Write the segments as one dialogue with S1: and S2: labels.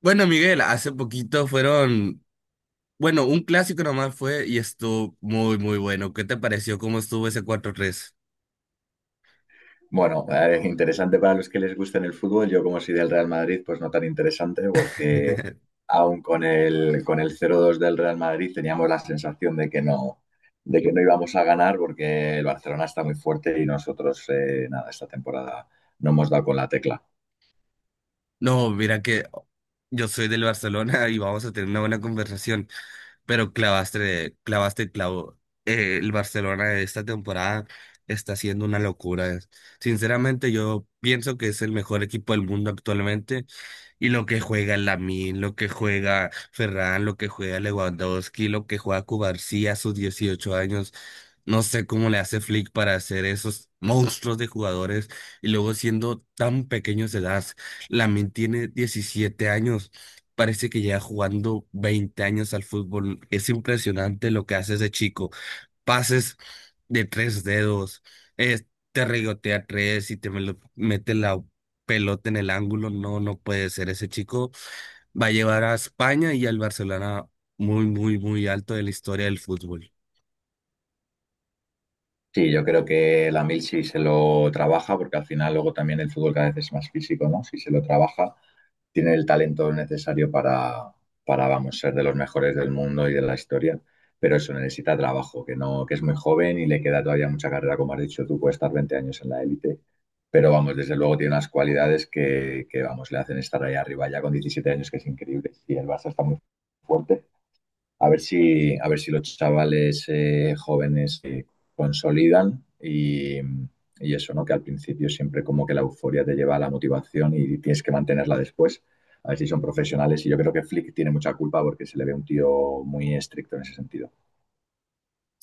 S1: Bueno, Miguel, hace poquito fueron, bueno, un clásico nomás fue y estuvo muy, muy bueno. ¿Qué te pareció cómo estuvo ese 4-3?
S2: Bueno, es interesante para los que les gusta el fútbol. Yo, como soy del Real Madrid, pues no tan interesante, porque aún con el 0-2 del Real Madrid teníamos la sensación de que no íbamos a ganar, porque el Barcelona está muy fuerte y nosotros, nada, esta temporada no hemos dado con la tecla.
S1: No, mira que yo soy del Barcelona y vamos a tener una buena conversación. Pero clavaste, clavaste el clavo. El Barcelona de esta temporada está siendo una locura. Sinceramente, yo pienso que es el mejor equipo del mundo actualmente. Y lo que juega Lamine, lo que juega Ferran, lo que juega Lewandowski, lo que juega Cubarsí a sus 18 años. No sé cómo le hace Flick para hacer esos monstruos de jugadores y luego siendo tan pequeños de edad. Lamine tiene 17 años, parece que lleva jugando 20 años al fútbol. Es impresionante lo que hace ese chico. Pases de tres dedos, eh, te regotea tres y mete la pelota en el ángulo. No, no puede ser. Ese chico va a llevar a España y al Barcelona muy, muy, muy alto de la historia del fútbol.
S2: Sí, yo creo que la mil si se lo trabaja, porque al final luego también el fútbol cada vez es más físico, ¿no? Si se lo trabaja, tiene el talento necesario para, vamos, ser de los mejores del mundo y de la historia, pero eso necesita trabajo, que no, que es muy joven y le queda todavía mucha carrera, como has dicho tú, puede estar 20 años en la élite, pero vamos, desde luego tiene unas cualidades que, vamos, le hacen estar ahí arriba ya con 17 años, que es increíble, y el Barça está muy fuerte. A ver si, a ver si los chavales jóvenes se consolidan y eso, ¿no? Que al principio siempre como que la euforia te lleva a la motivación y tienes que mantenerla después. A ver si son profesionales. Y yo creo que Flick tiene mucha culpa porque se le ve un tío muy estricto en ese sentido.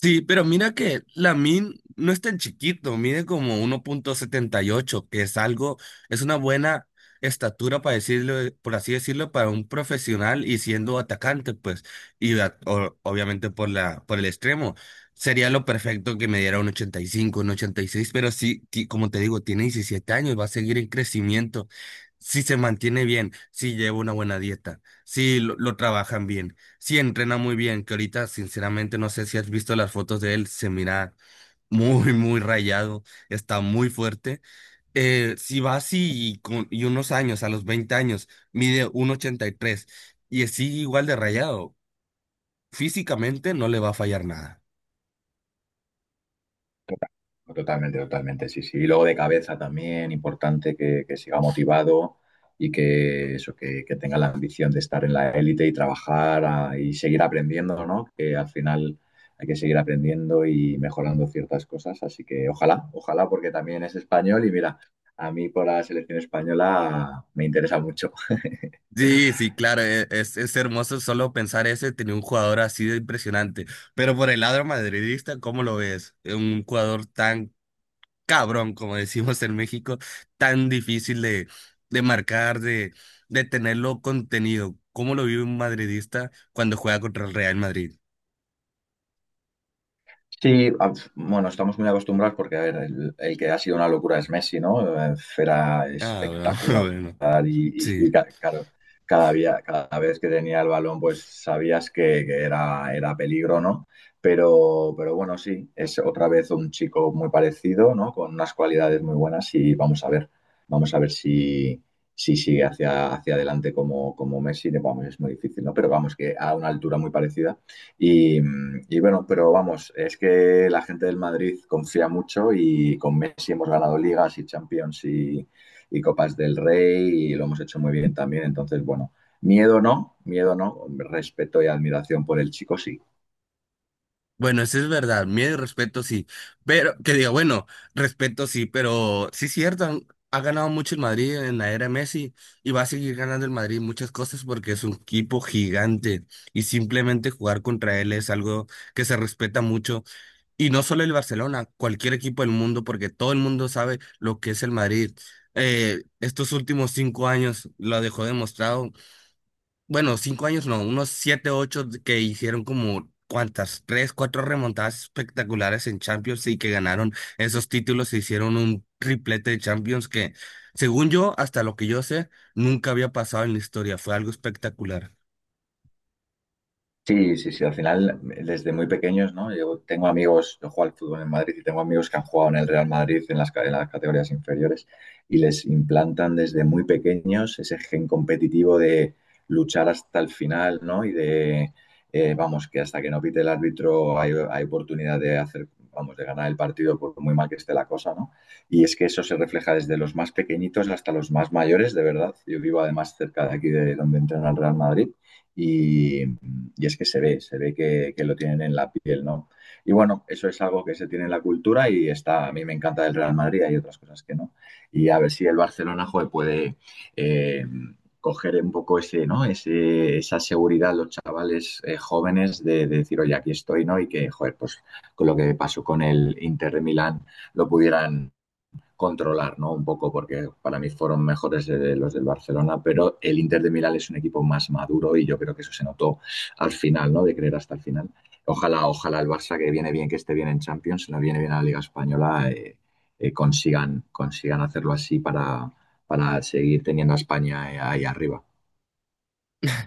S1: Sí, pero mira que min no es tan chiquito, mide como 1,78, que es algo, es una buena estatura para decirlo, por así decirlo, para un profesional y siendo atacante, pues, y obviamente por el extremo. Sería lo perfecto que me diera un 85, un 86, pero sí, como te digo, tiene 17 años, va a seguir en crecimiento. Si se mantiene bien, si lleva una buena dieta, si lo trabajan bien. Sí, entrena muy bien, que ahorita sinceramente no sé si has visto las fotos de él, se mira muy, muy rayado, está muy fuerte. Si va así y unos años, a los 20 años, mide 1,83 y tres y sigue igual de rayado, físicamente no le va a fallar nada.
S2: Totalmente, totalmente, sí, sí. Y luego de cabeza también, importante que siga motivado y que eso, que tenga la ambición de estar en la élite y trabajar y seguir aprendiendo, ¿no? Que al final hay que seguir aprendiendo y mejorando ciertas cosas. Así que ojalá, ojalá, porque también es español y mira, a mí por la selección española me interesa mucho.
S1: Sí, sí, claro, es hermoso solo pensar ese, tenía un jugador así de impresionante, pero por el lado madridista, ¿cómo lo ves? Un jugador tan cabrón, como decimos en México, tan difícil de marcar, de tenerlo contenido. ¿Cómo lo vive un madridista cuando juega contra el Real Madrid?
S2: Sí, bueno, estamos muy acostumbrados porque, a ver, el que ha sido una locura es Messi, ¿no? Era
S1: Ah, bueno,
S2: espectacular
S1: bueno,
S2: y,
S1: sí.
S2: y claro, cada día, cada vez que tenía el balón, pues sabías que era, era peligro, ¿no? Pero bueno, sí, es otra vez un chico muy parecido, ¿no? Con unas cualidades muy buenas y vamos a ver si, si sigue hacia, hacia adelante como, como Messi. Vamos, es muy difícil, ¿no? Pero vamos, que a una altura muy parecida. Y, y, bueno, pero vamos, es que la gente del Madrid confía mucho y con Messi hemos ganado ligas y Champions y Copas del Rey y lo hemos hecho muy bien también. Entonces, bueno, miedo no, respeto y admiración por el chico sí.
S1: Bueno, eso es verdad, miedo y respeto sí, pero que diga, bueno, respeto sí, pero sí es cierto, ha ganado mucho el Madrid en la era Messi y va a seguir ganando el Madrid muchas cosas porque es un equipo gigante y simplemente jugar contra él es algo que se respeta mucho. Y no solo el Barcelona, cualquier equipo del mundo, porque todo el mundo sabe lo que es el Madrid. Estos últimos 5 años lo dejó demostrado. Bueno, 5 años no, unos siete, ocho, que hicieron como cuantas, tres, cuatro remontadas espectaculares en Champions y que ganaron esos títulos e hicieron un triplete de Champions que, según yo, hasta lo que yo sé, nunca había pasado en la historia. Fue algo espectacular.
S2: Sí, sí, sí. Al final, desde muy pequeños, ¿no? Yo tengo amigos, yo juego al fútbol en Madrid y tengo amigos que han jugado en el Real Madrid en las, en las categorías inferiores y les implantan desde muy pequeños ese gen competitivo de luchar hasta el final, ¿no? Y de, vamos, que hasta que no pite el árbitro hay, hay oportunidad de hacer, vamos, de ganar el partido por muy mal que esté la cosa, ¿no? Y es que eso se refleja desde los más pequeñitos hasta los más mayores, de verdad. Yo vivo además cerca de aquí de donde entrena el Real Madrid y es que se ve que, lo tienen en la piel, ¿no? Y bueno, eso es algo que se tiene en la cultura y está, a mí me encanta el Real Madrid, hay otras cosas que no. Y a ver si el Barcelona joder, puede eh, coger un poco ese, ¿no? Ese, esa seguridad los chavales jóvenes de, decir, oye, aquí estoy, ¿no? Y que, joder, pues con lo que pasó con el Inter de Milán lo pudieran controlar, ¿no? Un poco, porque para mí fueron mejores de los del Barcelona, pero el Inter de Milán es un equipo más maduro y yo creo que eso se notó al final, ¿no? De creer hasta el final. Ojalá, ojalá el Barça, que viene bien, que esté bien en Champions, no viene bien a la Liga Española, consigan, consigan hacerlo así para seguir teniendo a España ahí arriba.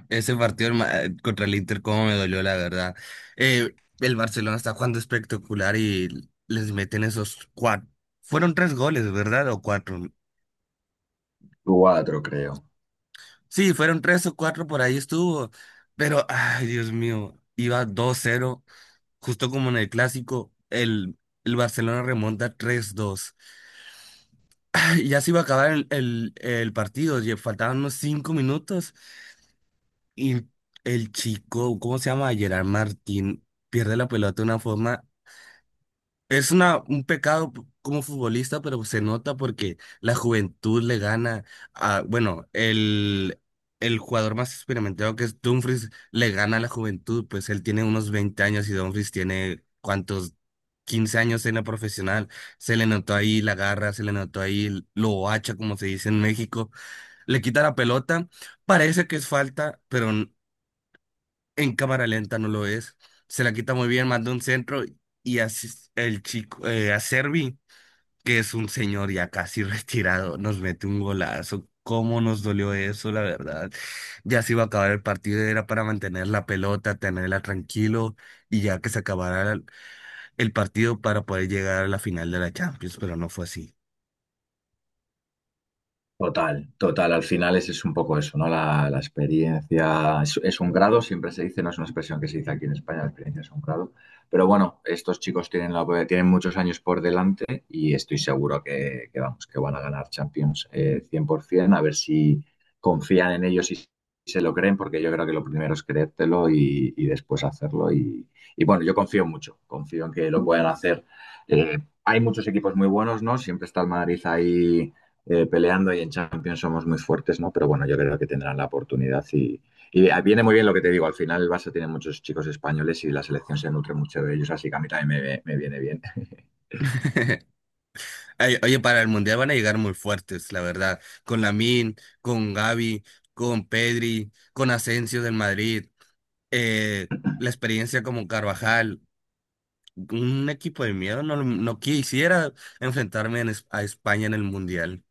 S1: Ese partido contra el Inter, cómo me dolió, la verdad. El Barcelona está jugando espectacular y les meten esos cuatro. Fueron tres goles, ¿verdad? O cuatro.
S2: 4, creo.
S1: Sí, fueron tres o cuatro, por ahí estuvo. Pero, ay, Dios mío, iba 2-0 justo como en el clásico, el Barcelona remonta 3-2. Ay, ya se iba a acabar el partido, ya faltaban unos 5 minutos y el chico, ¿cómo se llama? Gerard Martín pierde la pelota de una forma. Es un pecado como futbolista, pero se nota porque la juventud le gana a, bueno, el jugador más experimentado que es Dumfries le gana a la juventud, pues él tiene unos 20 años y Dumfries tiene cuántos, 15 años en la profesional. Se le notó ahí la garra, se le notó ahí lo hacha, como se dice en México. Le quita la pelota, parece que es falta, pero en cámara lenta no lo es. Se la quita muy bien, manda un centro y así el chico, Acerbi, que es un señor ya casi retirado, nos mete un golazo. ¿Cómo nos dolió eso, la verdad? Ya se iba a acabar el partido, era para mantener la pelota, tenerla tranquilo y ya que se acabara el partido para poder llegar a la final de la Champions, pero no fue así.
S2: Total, total. Al final es un poco eso, ¿no? La experiencia es un grado, siempre se dice, no es una expresión que se dice aquí en España, la experiencia es un grado. Pero bueno, estos chicos tienen, la, tienen muchos años por delante y estoy seguro que vamos, que van a ganar Champions 100%, a ver si confían en ellos y se lo creen, porque yo creo que lo primero es creértelo y después hacerlo. Y bueno, yo confío mucho, confío en que lo puedan hacer. Eh, hay muchos equipos muy buenos, ¿no? Siempre está el Madrid ahí peleando y en Champions somos muy fuertes, ¿no? Pero bueno, yo creo que tendrán la oportunidad y viene muy bien lo que te digo. Al final el Barça tiene muchos chicos españoles y la selección se nutre mucho de ellos, así que a mí también me viene bien.
S1: Ay, oye, para el Mundial van a llegar muy fuertes, la verdad, con Lamine, con Gavi, con Pedri, con Asensio del Madrid. eh, la experiencia como Carvajal, un equipo de miedo, no, no quisiera enfrentarme a España en el Mundial.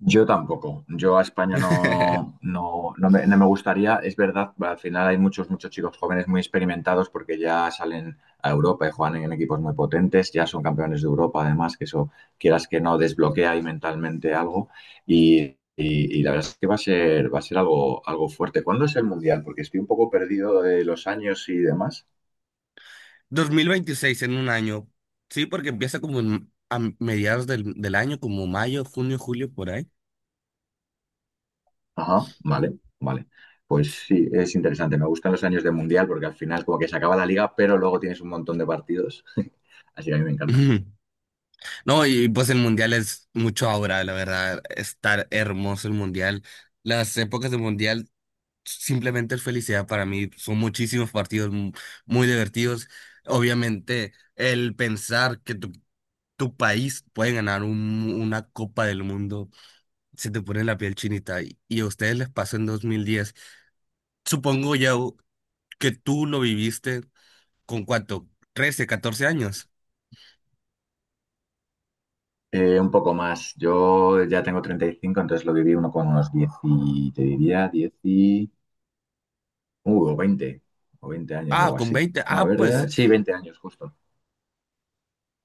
S2: Yo tampoco. Yo a España no, no, no me, no me gustaría. Es verdad, al final hay muchos, muchos chicos jóvenes muy experimentados porque ya salen a Europa y juegan en equipos muy potentes, ya son campeones de Europa, además, que eso quieras que no desbloquea ahí mentalmente algo. Y, y la verdad es que va a ser algo, algo fuerte. ¿Cuándo es el Mundial? Porque estoy un poco perdido de los años y demás.
S1: 2026 en un año, sí, porque empieza como a mediados del año, como mayo, junio, julio, por ahí.
S2: Ajá, vale, vale. Pues sí, es interesante. Me gustan los años de mundial porque al final como que se acaba la liga, pero luego tienes un montón de partidos. Así que a mí me encanta.
S1: Ujú. No, y pues el mundial es mucho ahora, la verdad, estar hermoso el mundial. Las épocas del mundial simplemente es felicidad para mí, son muchísimos partidos muy divertidos. Obviamente, el pensar que tú tu país puede ganar una Copa del Mundo, se te pone la piel chinita y a ustedes les pasó en 2010. Supongo ya que tú lo viviste con cuánto, 13, 14 años.
S2: Un poco más. Yo ya tengo 35 entonces lo viví uno con unos 10 y te diría 10 y... o 20, o 20 años,
S1: Ah,
S2: algo
S1: con
S2: así.
S1: 20.
S2: No, a
S1: Ah,
S2: ver,
S1: pues
S2: sí, 20 años justo.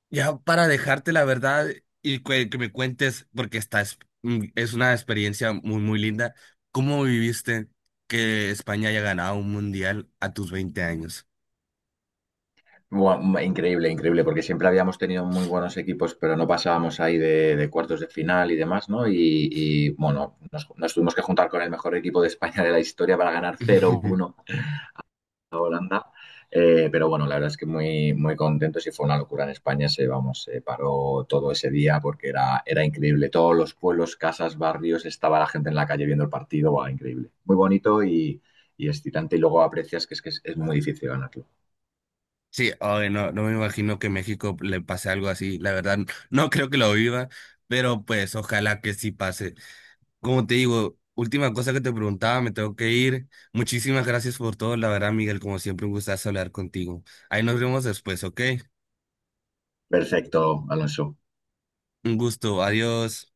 S1: ya
S2: Sí,
S1: para
S2: sí.
S1: dejarte la verdad y que me cuentes, porque esta es una experiencia muy, muy linda, ¿cómo viviste que España haya ganado un mundial a tus 20 años?
S2: Buah, increíble, increíble, porque siempre habíamos tenido muy buenos equipos, pero no pasábamos ahí de cuartos de final y demás, ¿no? Y, bueno, nos, nos tuvimos que juntar con el mejor equipo de España de la historia para ganar cero uno Holanda. Pero bueno, la verdad es que muy, muy contento. Si fue una locura en España, se, vamos, se paró todo ese día porque era, era increíble. Todos los pueblos, casas, barrios, estaba la gente en la calle viendo el partido. Buah, increíble. Muy bonito y excitante. Y luego aprecias que es muy difícil ganarlo.
S1: Sí, ay, no, no me imagino que México le pase algo así. La verdad, no creo que lo viva, pero pues ojalá que sí pase. Como te digo, última cosa que te preguntaba, me tengo que ir. Muchísimas gracias por todo, la verdad, Miguel, como siempre, un gustazo hablar contigo. Ahí nos vemos después, ¿ok?
S2: Perfecto, Alonso.
S1: Un gusto, adiós.